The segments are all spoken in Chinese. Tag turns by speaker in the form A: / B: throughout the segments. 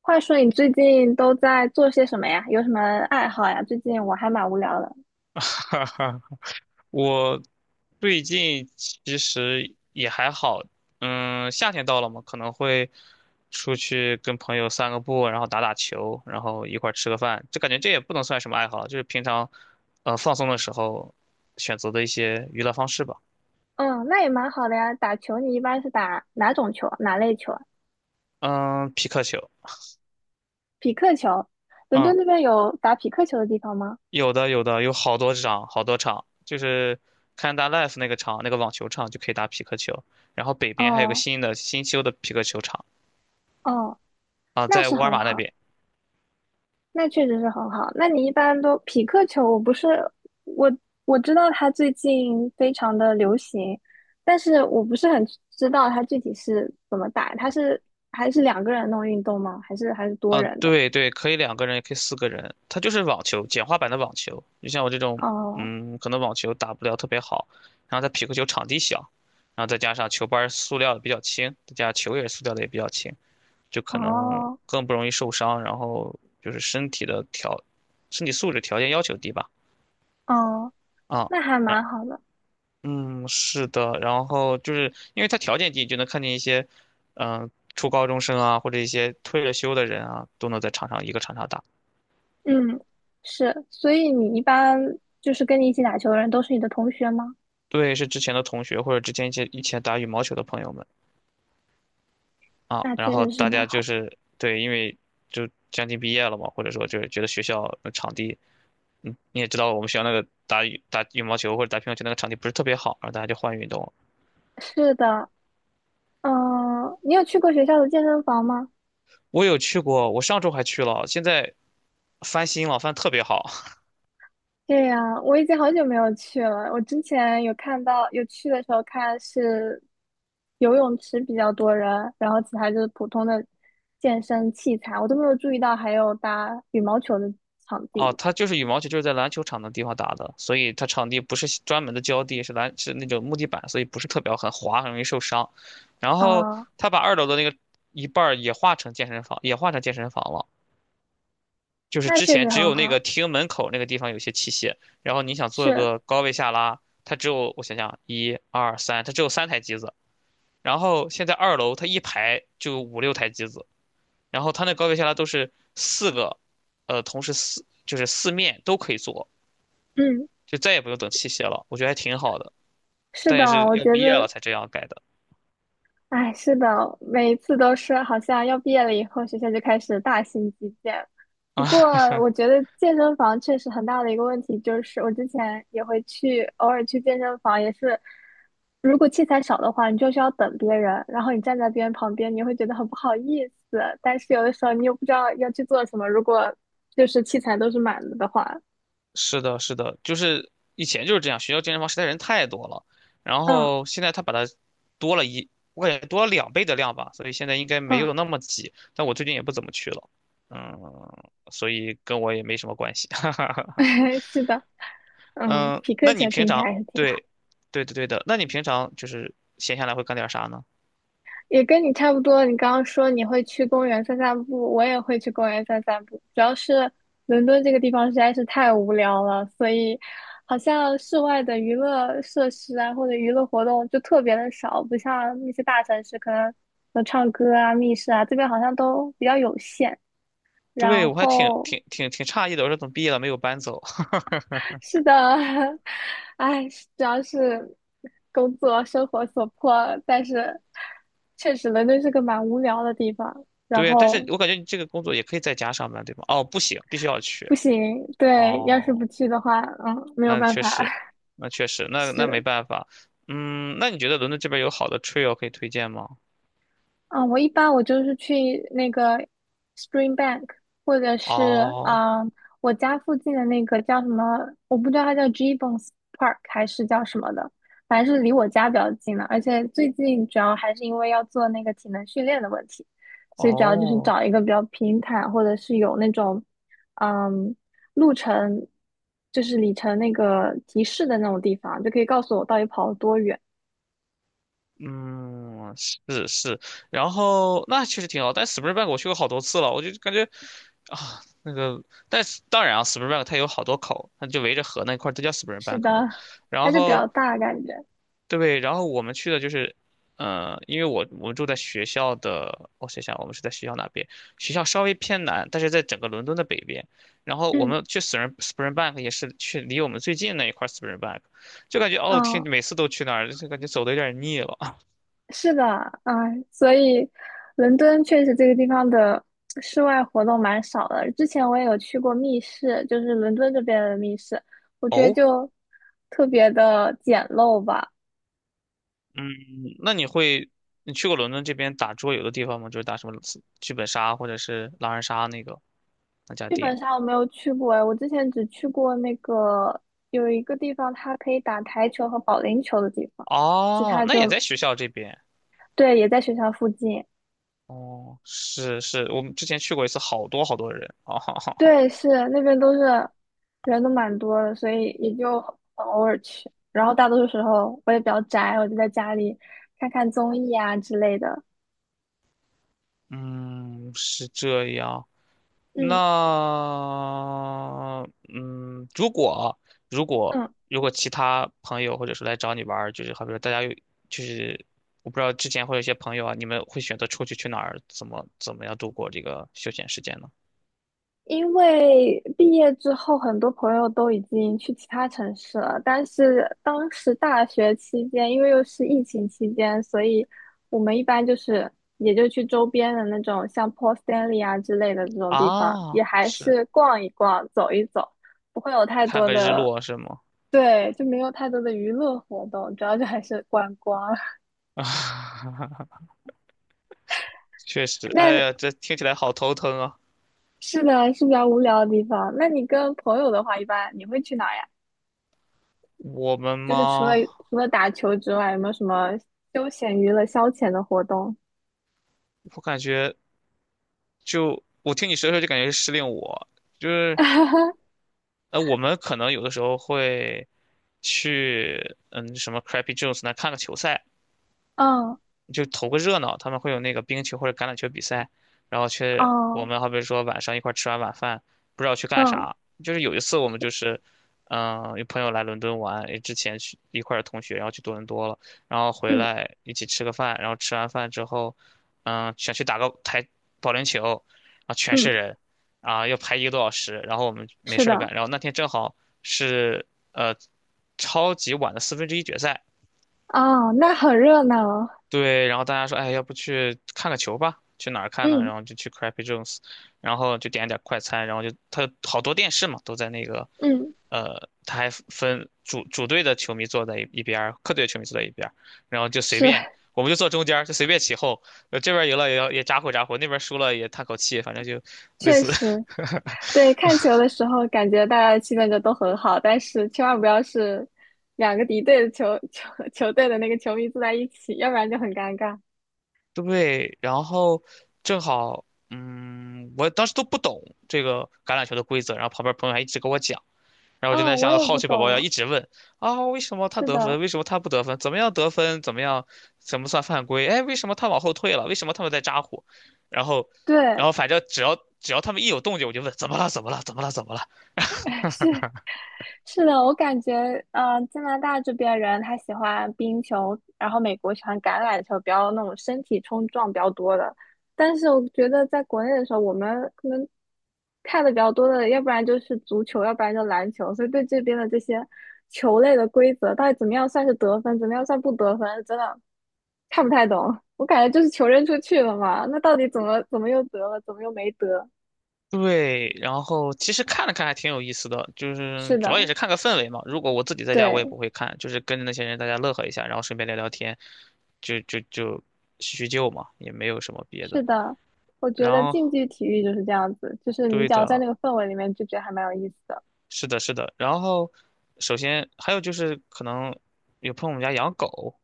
A: 话说你最近都在做些什么呀？有什么爱好呀？最近我还蛮无聊的。
B: 哈哈，我最近其实也还好，嗯，夏天到了嘛，可能会出去跟朋友散个步，然后打打球，然后一块儿吃个饭，就感觉这也不能算什么爱好，就是平常，放松的时候选择的一些娱乐方式吧。
A: 嗯，那也蛮好的呀。打球你一般是打哪种球？哪类球啊？
B: 嗯，匹克球。
A: 匹克球。伦敦
B: 嗯，
A: 那边有打匹克球的地方吗？
B: 有的有的，有好多场好多场，就是看大 Life 那个场，那个网球场就可以打匹克球，然后北边还有个
A: 哦
B: 新修的匹克球场
A: 哦，
B: 啊，
A: 那
B: 在
A: 是
B: 沃尔
A: 很
B: 玛那
A: 好，
B: 边。
A: 那确实是很好。那你一般都匹克球？我不是我我知道它最近非常的流行，但是我不是很知道它具体是怎么打。还是两个人弄运动吗？还是多
B: 啊，
A: 人的？
B: 对对，可以两个人，也可以四个人，它就是网球，简化版的网球。就像我这种，
A: 哦
B: 嗯，可能网球打不了特别好，然后它匹克球场地小，然后再加上球拍儿塑料的比较轻，再加上球也是塑料的也比较轻，就可能
A: 哦
B: 更不容易受伤，然后就是身体素质条件要求低吧。
A: 哦，
B: 啊，
A: 那还
B: 然
A: 蛮好的。
B: 嗯，是的，然后就是因为它条件低，就能看见一些，嗯、初高中生啊，或者一些退了休的人啊，都能在一个场上打。
A: 嗯，是，所以你一般就是跟你一起打球的人都是你的同学吗？
B: 对，是之前的同学或者之前一些以前打羽毛球的朋友们啊，
A: 那
B: 然
A: 确
B: 后
A: 实是
B: 大
A: 蛮
B: 家就
A: 好。
B: 是对，因为就将近毕业了嘛，或者说就是觉得学校的场地。嗯，你也知道我们学校那个打羽毛球或者打乒乓球那个场地不是特别好，然后大家就换运动了。
A: 是的，嗯，你有去过学校的健身房吗？
B: 我有去过，我上周还去了，现在翻新了，翻得特别好。
A: 对呀，我已经好久没有去了。我之前有看到，有去的时候看是游泳池比较多人，然后其他就是普通的健身器材，我都没有注意到还有打羽毛球的场
B: 哦，
A: 地。
B: 它就是羽毛球，就是在篮球场的地方打的，所以它场地不是专门的胶地，是那种木地板，所以不是特别好很滑，很容易受伤。然后
A: 哦，
B: 他把二楼的那个一半儿也划成健身房了。就是
A: 那
B: 之
A: 确实
B: 前只
A: 很
B: 有那个
A: 好。
B: 厅门口那个地方有些器械，然后你想做
A: 是，
B: 个高位下拉，它只有我想想，一二三，它只有三台机子。然后现在二楼它一排就五六台机子，然后它那高位下拉都是四个，同时四就是四面都可以做。
A: 嗯。
B: 就再也不用等器械了，我觉得还挺好的。
A: 是
B: 但
A: 的，
B: 也是
A: 我
B: 要
A: 觉
B: 毕业了
A: 得，
B: 才这样改的
A: 哎，是的，每一次都是好像要毕业了以后，学校就开始大型基建。不过，
B: 啊。
A: 我 觉得健身房确实很大的一个问题就是，我之前也会去，偶尔去健身房，也是，如果器材少的话，你就需要等别人，然后你站在别人旁边，你会觉得很不好意思。但是有的时候你又不知道要去做什么，如果就是器材都是满了的话，
B: 是的，是的，就是以前就是这样，学校健身房实在人太多了，然
A: 嗯
B: 后现在他把它多了一，我感觉多了两倍的量吧，所以现在应该没
A: 嗯，
B: 有那么挤。但我最近也不怎么去了，嗯，所以跟我也没什么关系。哈哈。
A: 是的，嗯，
B: 嗯，
A: 匹克
B: 那你
A: 球
B: 平
A: 听起来
B: 常
A: 还是挺好。
B: 对，对的对的，那你平常就是闲下来会干点啥呢？
A: 也跟你差不多。你刚刚说你会去公园散散步，我也会去公园散散步。主要是伦敦这个地方实在是太无聊了，所以好像室外的娱乐设施啊，或者娱乐活动就特别的少，不像那些大城市可能有唱歌啊、密室啊，这边好像都比较有限。
B: 对，
A: 然
B: 我还挺
A: 后
B: 挺挺挺诧异的，我说怎么毕业了没有搬走？
A: 是的，哎，主要是工作生活所迫，但是确实伦敦是个蛮无聊的地方。然
B: 对，但是
A: 后
B: 我感觉你这个工作也可以在家上班，对吗？哦，不行，必须要去。
A: 不行，对，要是不
B: 哦，
A: 去的话，嗯，没有
B: 那
A: 办
B: 确
A: 法，
B: 实，那确实，那没
A: 是，
B: 办法。嗯，那你觉得伦敦这边有好的 trail 可以推荐吗？
A: 嗯，我一般我就是去那个 Springbank，或者是
B: 哦
A: 啊、我家附近的那个叫什么，我不知道它叫 Gibbons Park 还是叫什么的，反正是离我家比较近的。而且最近主要还是因为要做那个体能训练的问题，所以主要就是
B: 哦，
A: 找一个比较平坦，或者是有那种嗯路程，就是里程那个提示的那种地方，就可以告诉我到底跑了多远。
B: 嗯，是是。然后那确实挺好，但 Springbank 我去过好多次了，我就感觉啊，那个，但是当然啊，Springbank 它有好多口，它就围着河那块儿，都叫
A: 是的，
B: Springbank 嘛。
A: 它
B: 然
A: 就比
B: 后
A: 较大感觉，
B: 对，然后我们去的就是，因为我们住在学校的，我想想，我们是在学校哪边？学校稍微偏南，但是在整个伦敦的北边。然后我
A: 嗯。
B: 们去 Springbank 也是去离我们最近那一块 Springbank，就感觉哦天，
A: 嗯，
B: 每次都去那儿，就感觉走的有点腻了。
A: 是的，哎，所以伦敦确实这个地方的室外活动蛮少的。之前我也有去过密室，就是伦敦这边的密室，我觉得
B: 哦。
A: 就特别的简陋吧。
B: 嗯，那你会你去过伦敦这边打桌游的地方吗？就是打什么剧本杀或者是狼人杀那个那家
A: 剧本
B: 店？
A: 杀我没有去过，哎，我之前只去过那个有一个地方，它可以打台球和保龄球的地方，其
B: 哦，
A: 他
B: 那也
A: 就
B: 在学校这边。
A: 对，也在学校附近。
B: 哦，是是，我们之前去过一次，好多好多人啊，哈哈哈。
A: 对，是那边都是人都蛮多的，所以也就很偶尔去。然后大多数时候我也比较宅，我就在家里看看综艺啊之类的。
B: 嗯，是这样。
A: 嗯
B: 那，嗯，如果啊如果
A: 嗯，
B: 如果其他朋友或者说来找你玩儿，就是好比说大家有，就是我不知道之前会有一些朋友啊，你们会选择出去去哪儿，怎么怎么样度过这个休闲时间呢？
A: 因为毕业之后很多朋友都已经去其他城市了，但是当时大学期间，因为又是疫情期间，所以我们一般就是也就去周边的那种像 Port Stanley 啊之类的这种地方，
B: 啊，
A: 也还
B: 是
A: 是逛一逛、走一走。不会有太
B: 看
A: 多
B: 个日
A: 的
B: 落是吗？
A: 对，就没有太多的娱乐活动，主要就还是观光。
B: 确实，哎
A: 那
B: 呀，这听起来好头疼啊。
A: 是的，是比较无聊的地方。那你跟朋友的话，一般你会去哪儿呀？
B: 我们
A: 就是除了
B: 吗？
A: 除了打球之外，有没有什么休闲娱乐消遣的活动？
B: 我感觉。就我听你说的时候就感觉是失恋。就是 我们可能有的时候会去什么 Crappy Jones 那看个球赛啊，
A: 嗯
B: 就投个热闹，他们会有那个冰球或者橄榄球比赛，然后去我
A: 哦
B: 们好比说晚上一块儿吃完晚饭，不知道去干
A: 嗯
B: 啥。就是有一次我们就是，嗯、有朋友来伦敦玩，也之前去一块儿的同学，然后去多伦多了，然后回
A: 嗯
B: 来一起吃个饭，然后吃完饭之后，嗯、想去打个保龄球，啊，全
A: 嗯，
B: 是人，啊，要排一个多小时，然后我们没
A: 是
B: 事儿
A: 的，
B: 干，然后那天正好是呃超级晚的四分之一决赛。
A: 哦，那很热闹。
B: 对，然后大家说，哎，要不去看个球吧？去哪儿看呢？
A: 嗯
B: 然后就去 Crappy Jones，然后就点了点快餐，然后就他好多电视嘛，都在那个
A: 嗯，
B: 他还分主队的球迷坐在一边儿客队的球迷坐在一边儿。然后就随
A: 是，
B: 便，我们就坐中间儿就随便起哄，这边儿赢了也要也咋呼咋呼，那边儿输了也叹口气，反正就类
A: 确
B: 似。
A: 实，对，看球的时候感觉大家的气氛就都很好，但是千万不要是两个敌对的球 球球队的那个球迷坐在一起，要不然就很尴尬。
B: 对，然后正好，嗯，我当时都不懂这个橄榄球的规则，然后旁边朋友还一直跟我讲。然后我就
A: 哦，
B: 在
A: 我
B: 想，
A: 也
B: 好
A: 不
B: 奇宝宝要
A: 懂，
B: 一直问啊，为什么他
A: 是
B: 得分？
A: 的，
B: 为什么他不得分？怎么样得分？怎么样？怎么算犯规？哎，为什么他往后退了？为什么他们在扎呼？然后，然
A: 对，
B: 后反正只要他们一有动静，我就问怎么了？怎么了？怎么了？怎么了？
A: 是是的，我感觉，加拿大这边人他喜欢冰球，然后美国喜欢橄榄球，比较那种身体冲撞比较多的。但是我觉得在国内的时候，我们可能看的比较多的，要不然就是足球，要不然就篮球，所以对这边的这些球类的规则，到底怎么样算是得分，怎么样算不得分，真的看不太懂。我感觉就是球扔出去了嘛，那到底怎么又得了，怎么又没得？
B: 对，然后其实看了看还挺有意思的，就是
A: 是
B: 主
A: 的，
B: 要也是看个氛围嘛。如果我自己在家，我也
A: 对。
B: 不会看，就是跟着那些人大家乐呵一下，然后顺便聊聊天，就就就叙叙旧嘛，也没有什么别的。
A: 是的，我觉
B: 然
A: 得
B: 后
A: 竞技体育就是这样子，就是你
B: 对
A: 只要在
B: 的，
A: 那个氛围里面，就觉得还蛮有意思的。
B: 是的，是的。然后，首先还有就是可能有朋友我们家养狗，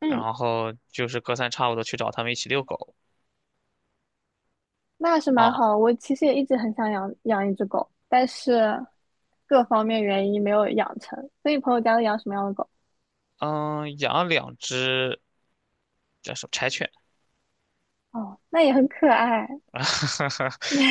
A: 嗯，
B: 然后就是隔三差五的去找他们一起遛狗
A: 那是蛮
B: 啊。
A: 好的我其实也一直很想养养一只狗，但是各方面原因没有养成。所以朋友家都养什么样的狗？
B: 嗯，养了两只叫什么柴犬，
A: 哦，那也很可爱。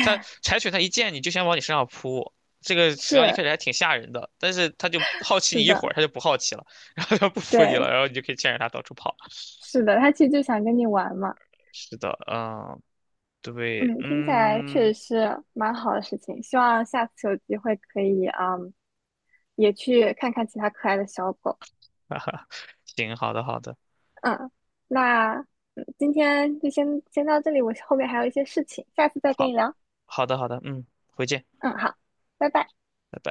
B: 它 柴犬它一见你就想往你身上扑，这个实际上一
A: 是
B: 开始还挺吓人的，但是它就好奇
A: 是
B: 你一
A: 的，
B: 会儿，它就不好奇了，然后它不扑你
A: 对，
B: 了，然后你就可以牵着它到处跑。
A: 是的，它其实就想跟你玩嘛。
B: 是的，嗯，对，
A: 嗯，听起来确实
B: 嗯，
A: 是蛮好的事情。希望下次有机会可以，嗯，也去看看其他可爱的小狗。
B: 哈哈，行，好的，好的，
A: 嗯，那今天就先到这里，我后面还有一些事情，下次再跟你
B: 好，
A: 聊。
B: 好的，好的，嗯，回见。
A: 嗯，好，拜拜。
B: 拜拜。